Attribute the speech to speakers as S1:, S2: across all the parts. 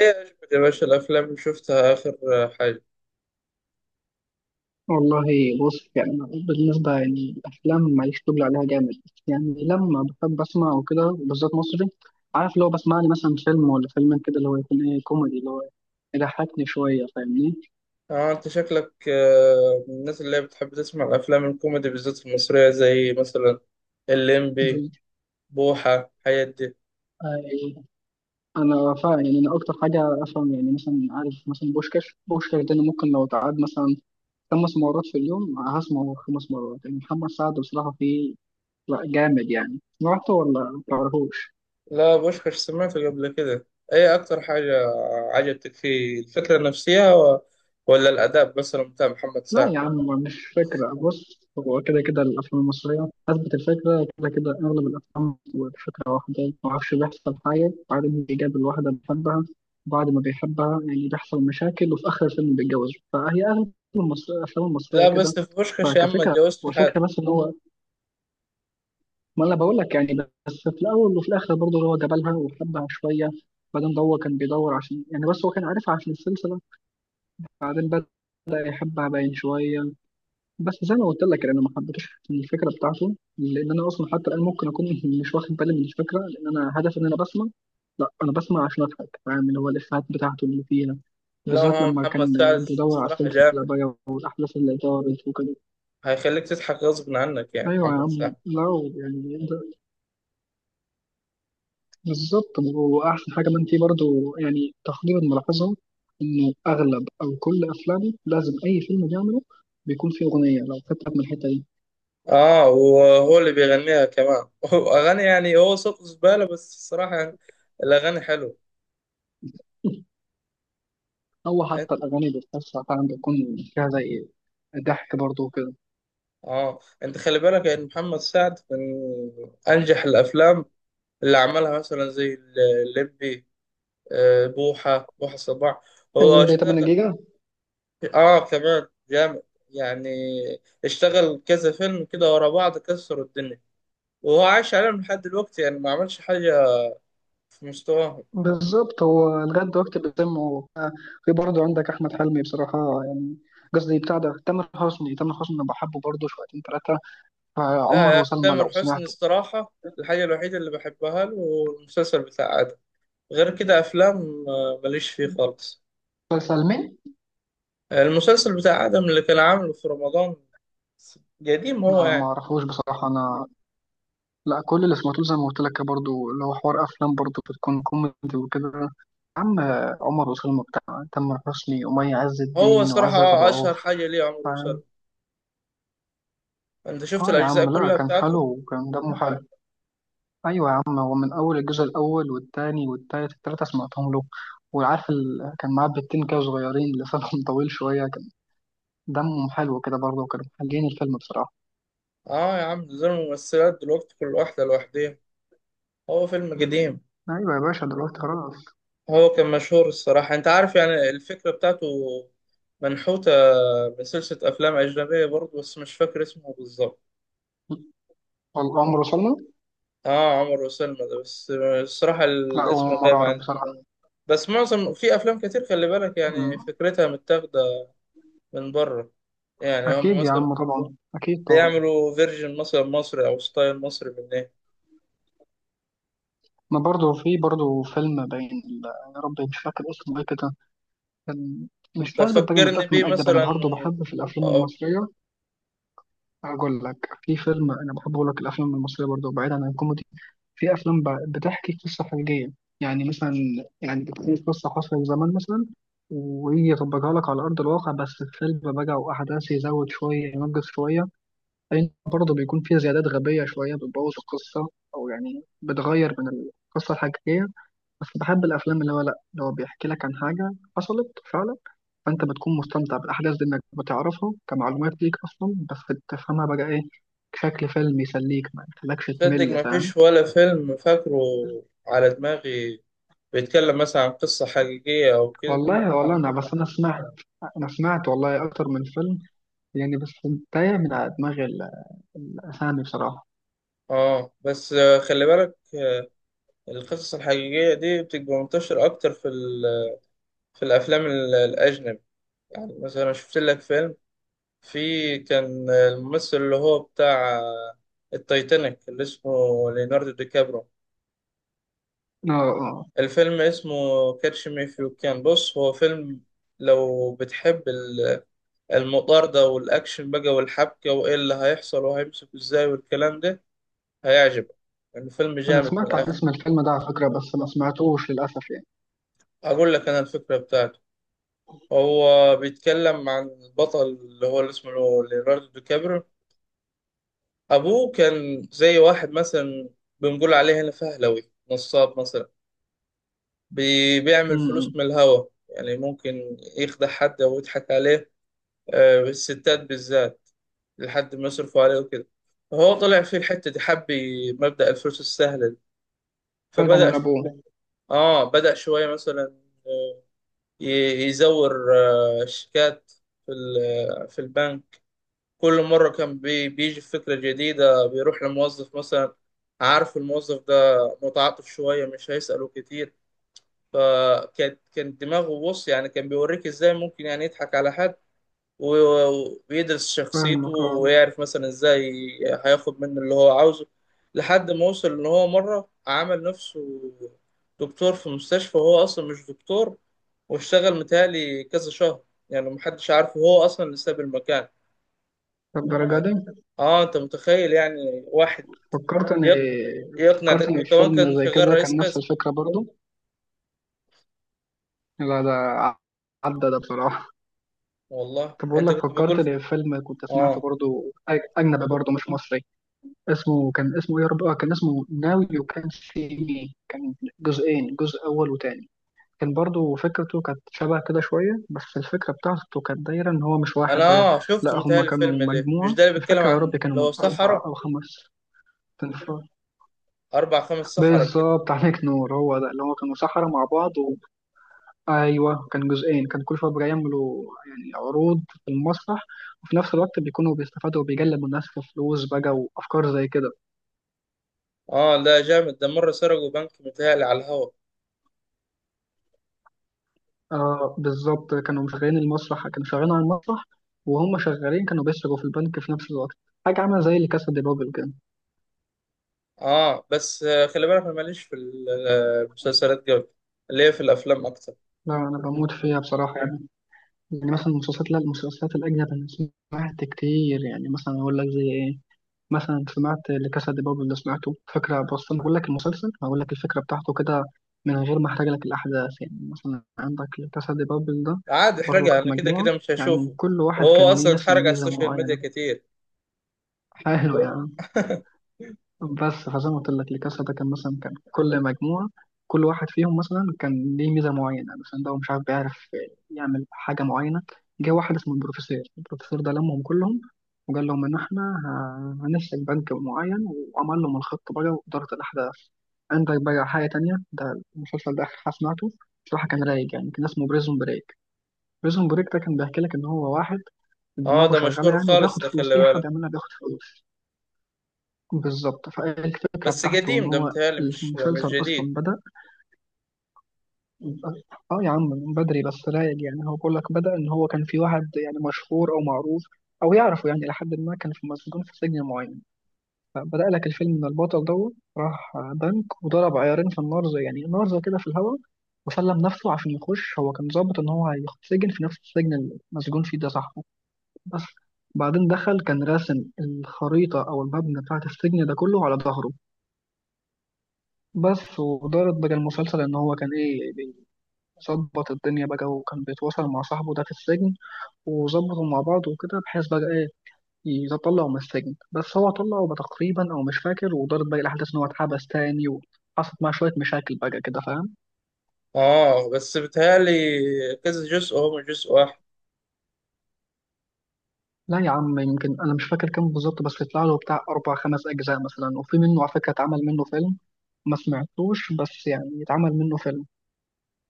S1: ايه عجبك يا باشا الافلام اللي شفتها اخر حاجه؟
S2: والله بص، يعني أنا بالنسبة يعني الأفلام ماليش طول عليها جامد. يعني لما بحب أسمع وكده بالذات مصري، عارف اللي هو بسمع لي مثلا فيلم ولا فيلمين كده، اللي هو يكون إيه، كوميدي اللي هو يضحكني شوية، فاهمني؟
S1: اه، انت شكلك من الناس اللي هي بتحب تسمع الافلام الكوميدي بالذات المصريه، زي مثلا الليمبي،
S2: ب-
S1: بوحه، الحاجات دي.
S2: آه، أنا فاهم. يعني أنا أكتر حاجة أفهم، يعني مثلا عارف مثلا بوشكاش، بوشكاش ده أنا ممكن لو اتعاد مثلا خمس مرات في اليوم هسمعه خمس مرات. يعني محمد سعد بصراحة فيه، لا، جامد. يعني سمعته ولا متعرفوش؟
S1: لا، بوشكاش سمعته قبل كده. ايه اكتر حاجه عجبتك فيه؟ الفكره نفسها ولا الاداء مثلا بتاع محمد
S2: لا
S1: سعد؟
S2: يا عم، مش فكرة، بص، هو كده كده الأفلام المصرية أثبت الفكرة، كده كده أغلب الأفلام والفكرة واحدة، معرفش، بيحصل حاجة بعدين بيجاب الواحدة، بيحبها، بعد ما بيحبها يعني بيحصل مشاكل، وفي آخر الفيلم بيتجوز. فهي أغلب الأفلام المصرية
S1: لا
S2: كده
S1: بس في بوشكاش يا عم ما
S2: فكفكرة
S1: تجاوزت حد.
S2: وفكرة بس إن هو، ما أنا بقول لك يعني، بس في الأول وفي الآخر برضه هو جابلها وحبها شوية. بعدين ده هو كان بيدور عشان يعني، بس هو كان عارفها عشان السلسلة، بعدين بدأ يحبها باين شوية. بس زي ما قلت لك يعني انا ما حبيتش الفكره بتاعته، لان انا اصلا حتى الان ممكن اكون مش واخد بالي من الفكره، لان انا هدفي ان انا بسمع، لا، انا بسمع عشان اضحك، فاهم؟ اللي هو الافيهات بتاعته اللي فيها،
S1: لا،
S2: بالذات
S1: هو
S2: لما
S1: محمد سعد
S2: كان بيدور على
S1: الصراحه
S2: السلسله
S1: جامد،
S2: بقى والاحداث اللي دارت وكده.
S1: هيخليك تضحك غصب عنك، يعني
S2: ايوه يا
S1: محمد
S2: عم،
S1: سعد.
S2: لا يعني ده- بالظبط. واحسن حاجه ما انت برضو يعني تقدير ملاحظه انه اغلب او كل افلامه، لازم اي فيلم بيعمله بيكون فيه اغنيه، لو خدت بالك من الحته دي.
S1: اه، وهو اللي بيغنيها كمان اغاني، يعني هو صوته زبالة بس الصراحة يعني الاغاني حلوة.
S2: هو
S1: إيه؟
S2: حتى الأغاني اللي بتتوسع فعلا بيكون فيها زي ضحك برضه وكده.
S1: اه، انت خلي بالك ان محمد سعد من انجح الافلام اللي عملها مثلا زي الليمبي، بوحة، بوحة صباح، هو
S2: الليمبي 8
S1: اشتغل.
S2: جيجا،
S1: اه كمان جامد، يعني اشتغل كذا فيلم كده ورا بعض، كسروا الدنيا، وهو عايش عليهم لحد دلوقتي، يعني ما عملش حاجة في مستواه.
S2: بالظبط. هو لغاية دلوقتي بيتم. في برضه عندك أحمد حلمي بصراحة، يعني قصدي بتاع ده، تامر حسني. تامر حسني أنا بحبه برضه شويتين تلاتة،
S1: لا
S2: عمر
S1: يا أخي،
S2: وسلمى
S1: تامر
S2: لو
S1: حسني
S2: سمعته.
S1: الصراحة الحاجة الوحيدة اللي بحبها له هو المسلسل بتاع آدم، غير كده أفلام، ماليش فيه خالص.
S2: مسلسل مين؟
S1: المسلسل بتاع آدم اللي كان عامله في رمضان، قديم هو
S2: أنا ما
S1: يعني.
S2: أعرفوش بصراحة. أنا لا، كل اللي سمعته زي ما قلت لك برضه، اللي هو حوار أفلام برضه بتكون كوميدي وكده يا عم. عمر وسلمى بتاع تامر حسني ومي عز
S1: هو
S2: الدين
S1: الصراحة
S2: وعزت أبو
S1: أشهر
S2: عوف.
S1: حاجة ليه عمرو وسلمى. أنت شفت
S2: اه يا
S1: الأجزاء
S2: عم، لا،
S1: كلها
S2: كان حلو
S1: بتاعته؟
S2: وكان دمه حلو. ايوه يا عم، هو من اول الجزء الاول والتاني والتالت، التلاته سمعتهم له. وعارف كان معاه بنتين كده صغيرين، لسانهم طويل شويه، كان دمهم حلو كده برضه، وكانوا محلين الفيلم بصراحه.
S1: آه يا عم، ده زي الممثلات دلوقتي كل واحدة لوحديها، هو فيلم قديم.
S2: ايوه يا باشا، دلوقتي خلاص.
S1: هو كان مشهور، الصراحة أنت عارف يعني الفكرة بتاعته منحوتة من سلسلة أفلام أجنبية برضه، بس مش فاكر اسمه بالظبط.
S2: والامر وصلنا،
S1: اه، عمر وسلمى ده بس، الصراحة
S2: لا
S1: الاسم
S2: هو مرة
S1: غايب
S2: اعرف
S1: عني.
S2: بصراحه.
S1: بس معظم، في افلام كتير خلي بالك، يعني
S2: أمم،
S1: فكرتها متاخدة من بره، يعني هم
S2: اكيد يا
S1: مثلا
S2: عم طبعا، اكيد طبعا.
S1: بيعملوا فيرجن مثلا مصري او ستايل مصري من ايه.
S2: ما برضه في برضه فيلم باين يا ربي مش فاكر اسمه ايه كده، كان، مش
S1: طب
S2: لازم تبقى
S1: فكرني
S2: متأكد
S1: بيه
S2: من أجدب. أنا
S1: مثلا
S2: برضه بحب في الأفلام
S1: آه،
S2: المصرية، هقول لك في فيلم انا بحب. اقول لك الافلام المصريه برضه، بعيدا عن الكوميدي، في افلام بتحكي قصه حقيقيه، يعني مثلا، يعني بتكون قصه حصلت زمان مثلا، ويجي يطبقها لك على ارض الواقع. بس الفيلم بقى واحداث يزود شويه، ينقص شويه، لان برضه بيكون فيها زيادات غبيه شويه بتبوظ القصه، او يعني بتغير من القصه الحقيقيه. بس بحب الافلام اللي هو، لا، اللي هو بيحكي لك عن حاجه حصلت فعلا، فانت بتكون مستمتع بالاحداث دي، انك بتعرفها كمعلومات ليك اصلا، بس تفهمها بقى ايه، بشكل فيلم يسليك، ما يخليكش
S1: صدق
S2: تمل،
S1: ما
S2: فاهم؟
S1: فيش ولا فيلم فاكره على دماغي بيتكلم مثلا عن قصة حقيقية او كده.
S2: والله، والله انا بس، انا سمعت والله اكتر من فيلم، يعني بس تايه من على دماغي الاسامي بصراحه.
S1: اه بس خلي بالك، القصص الحقيقية دي بتبقى منتشرة اكتر في في الافلام الاجنبي. يعني مثلا شفت لك فيلم، في كان الممثل اللي هو بتاع التايتانيك اللي اسمه ليوناردو دي كابرو،
S2: اه اه،
S1: الفيلم اسمه كاتش مي إف يو كان. بص، هو فيلم لو بتحب المطاردة والأكشن بقى والحبكة وإيه اللي هيحصل وهيمسك إزاي والكلام ده، هيعجبك. الفيلم
S2: انا
S1: جامد من
S2: سمعت عن
S1: الآخر.
S2: اسم الفيلم ده على فكره، بس ما سمعتوش للاسف يعني.
S1: أقول لك أنا الفكرة بتاعته: هو بيتكلم عن البطل اللي هو اللي اسمه ليوناردو دي كابرو، أبوه كان زي واحد مثلا بنقول عليه هنا فهلوي، نصاب مثلا، بيعمل فلوس
S2: امم.
S1: من الهوا، يعني ممكن يخدع حد أو يضحك عليه، الستات بالذات، لحد ما يصرفوا عليه وكده. فهو طلع في الحتة دي حب مبدأ الفلوس السهلة دي،
S2: فعلا
S1: فبدأ
S2: من
S1: ش...
S2: ابوه.
S1: بدأ شوية مثلا آه، يزور شيكات في في البنك. كل مرة كان بيجي فكرة جديدة، بيروح لموظف مثلا، عارف الموظف ده متعاطف شوية، مش هيسأله كتير. فكان دماغه، بص يعني كان بيوريك ازاي ممكن يعني يضحك على حد، ويدرس شخصيته
S2: فاهمك، اه.
S1: ويعرف مثلا ازاي هياخد منه اللي هو عاوزه، لحد ما وصل ان هو مرة عمل نفسه دكتور في مستشفى وهو اصلا مش دكتور، واشتغل متهيألي كذا شهر، يعني محدش عارفه هو اصلا اللي ساب المكان.
S2: طب درجة،
S1: اه انت متخيل يعني واحد
S2: فكرت ان،
S1: يق- يقنع
S2: فكرت
S1: ده؟
S2: ان
S1: وكمان
S2: فيلم
S1: كان
S2: زي
S1: شغال
S2: كده
S1: رئيس
S2: كان نفس
S1: قسم.
S2: الفكره برضو، لا ده عدى ده بصراحه.
S1: والله
S2: طب بقول
S1: انت
S2: لك،
S1: كنت
S2: فكرت
S1: بقول.
S2: لي في فيلم كنت سمعته
S1: اه،
S2: برضو، اجنبي برضو مش مصري، اسمه كان، اسمه ايه يا رب، آه، كان اسمه ناو يو كان سي مي. كان جزئين، جزء اول وتاني. كان برضو فكرته كانت شبه كده شويه، بس الفكره بتاعته كانت دايره ان هو مش واحد
S1: انا
S2: بقى،
S1: اه
S2: لا،
S1: شفته
S2: هم
S1: متهيألي
S2: كانوا
S1: الفيلم ده، مش
S2: مجموعه،
S1: ده اللي
S2: مش
S1: بيتكلم
S2: فاكر يا
S1: عن
S2: رب كانوا
S1: اللي
S2: من
S1: هو
S2: اربع
S1: صحراء،
S2: او خمس تنفار.
S1: اربع خمس صحراء كده؟
S2: بالظبط، عليك نور. هو ده، اللي هو كانوا سحرة مع بعض. ايوه، كان جزئين، كان كل شويه بيعملوا يعني عروض في المسرح، وفي نفس الوقت بيكونوا بيستفادوا وبيجلبوا الناس في فلوس بقى، وافكار زي كده.
S1: اه لا جامد، ده مره سرقوا بنك متهيألي على الهوا.
S2: آه، بالظبط، كانوا مشغلين المسرح، كانوا شغالين على المسرح، وهم شغالين كانوا بيسرقوا في البنك في نفس الوقت. حاجه عامله زي اللي كاسا دي بابل كده.
S1: اه بس خلي بالك انا ماليش في المسلسلات قوي، اللي هي في الافلام اكتر.
S2: لا، انا بموت فيها بصراحه، يعني يعني مثلا المسلسلات، لا، المسلسلات الاجنبيه انا سمعت كتير. يعني مثلا اقول لك زي ايه، مثلا سمعت لكاسا دي بابل، اللي سمعته فكرة، بس أنا بقول لك المسلسل، هقول لك الفكرة بتاعته كده من غير ما أحرق لك الأحداث. يعني مثلا عندك لكاسا دي بابل ده،
S1: عادي
S2: برضه
S1: احرقها،
S2: كانت
S1: انا كده
S2: مجموعة،
S1: كده مش
S2: يعني
S1: هشوفه،
S2: كل واحد
S1: وهو
S2: كان ليه
S1: اصلا
S2: مثلا
S1: اتحرق على
S2: ميزة
S1: السوشيال ميديا
S2: معينة.
S1: كتير.
S2: حلو يعني، بس فزي ما قلت لك الكاسة ده، كان مثلا كان كل مجموعة، كل واحد فيهم مثلا كان ليه ميزة معينة، مثلا ده هو مش عارف، بيعرف يعمل حاجة معينة. جه واحد اسمه البروفيسور، البروفيسور ده لمهم كلهم، وقال لهم إن إحنا هنسلك بنك معين. وعمل لهم الخطة بقى وإدارة الأحداث. عندك بقى حاجة تانية، ده المسلسل ده آخر حاجة سمعته بصراحة، كان رايق يعني، كان اسمه بريزون بريك. بريزون بريك ده كان بيحكي لك إن هو واحد
S1: اه
S2: دماغه
S1: ده
S2: شغالة
S1: مشهور
S2: يعني،
S1: خالص
S2: وبياخد
S1: ده،
S2: فلوس،
S1: خلي
S2: أي حد
S1: بالك،
S2: يعملها بياخد فلوس. بالظبط، فالفكرة
S1: بس
S2: بتاعته إن
S1: قديم ده
S2: هو،
S1: متهيألي، مش مش
S2: المسلسل
S1: جديد.
S2: أصلا بدأ، آه يا عم، من بدري، بس رايق يعني. هو بيقول لك، بدأ إن هو كان في واحد يعني مشهور أو معروف أو يعرفه يعني، لحد ما كان في مسجون في سجن معين. فبدأ لك الفيلم إن البطل دوت راح بنك وضرب عيارين في النار، زي يعني نار زي كده في الهواء، وسلم نفسه عشان يخش. هو كان ظابط إن هو هيتسجن في نفس السجن اللي مسجون فيه ده صاحبه. بس بعدين دخل، كان راسم الخريطة أو المبنى بتاعة السجن ده كله على ظهره. بس ودارت بقى المسلسل ان هو كان ايه، بيظبط الدنيا بقى، وكان بيتواصل مع صاحبه ده في السجن، وظبطوا مع بعض وكده بحيث بقى ايه يطلعوا من السجن. بس هو طلعه بقى تقريبا، او مش فاكر. ودارت بقى الاحداث ان هو اتحبس تاني، وحصلت معاه شويه مشاكل بقى كده، فاهم؟
S1: اه بس بتهيألي كذا جزء، هو مش جزء واحد.
S2: لا يا عم، يمكن انا مش فاكر كام بالظبط، بس طلع له بتاع اربع خمس اجزاء مثلا، وفي منه على فكره اتعمل منه فيلم، ما سمعتوش، بس يعني اتعمل منه فيلم.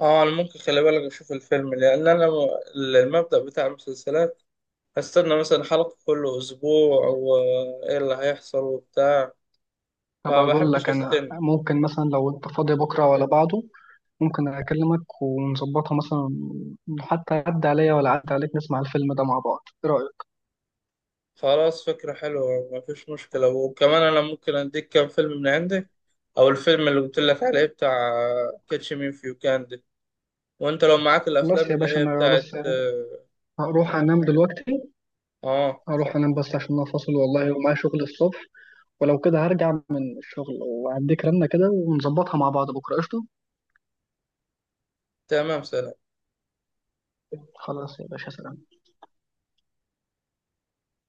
S1: اه انا ممكن خلي بالك اشوف الفيلم، لان انا المبدأ بتاع المسلسلات هستنى مثلا حلقة كل اسبوع وايه اللي هيحصل وبتاع،
S2: طب
S1: فما
S2: اقول
S1: بحبش
S2: لك، انا
S1: استنى.
S2: ممكن مثلا لو انت فاضي بكره ولا بعده، ممكن أكلمك ونظبطها مثلا، حتى عدى عليا ولا عدى عليك، نسمع الفيلم ده مع بعض، إيه رأيك؟
S1: خلاص، فكرة حلوة، ما فيش مشكلة، وكمان انا ممكن اديك كام فيلم من عندي، او الفيلم اللي قلت لك عليه بتاع كاتش مي فيو كان ده، وانت لو معاك
S2: خلاص
S1: الافلام
S2: يا
S1: اللي
S2: باشا،
S1: هي
S2: أنا
S1: بتاعت
S2: بس
S1: اه،
S2: هروح أنام دلوقتي،
S1: آه،
S2: هروح
S1: خ-
S2: أنام بس عشان أنا فاصل والله ومعايا شغل الصبح. ولو كده هرجع من الشغل وأديك رنة كده ونظبطها مع بعض بكرة، قشطة؟
S1: تمام، سلام.
S2: خلاص يا باشا، سلام.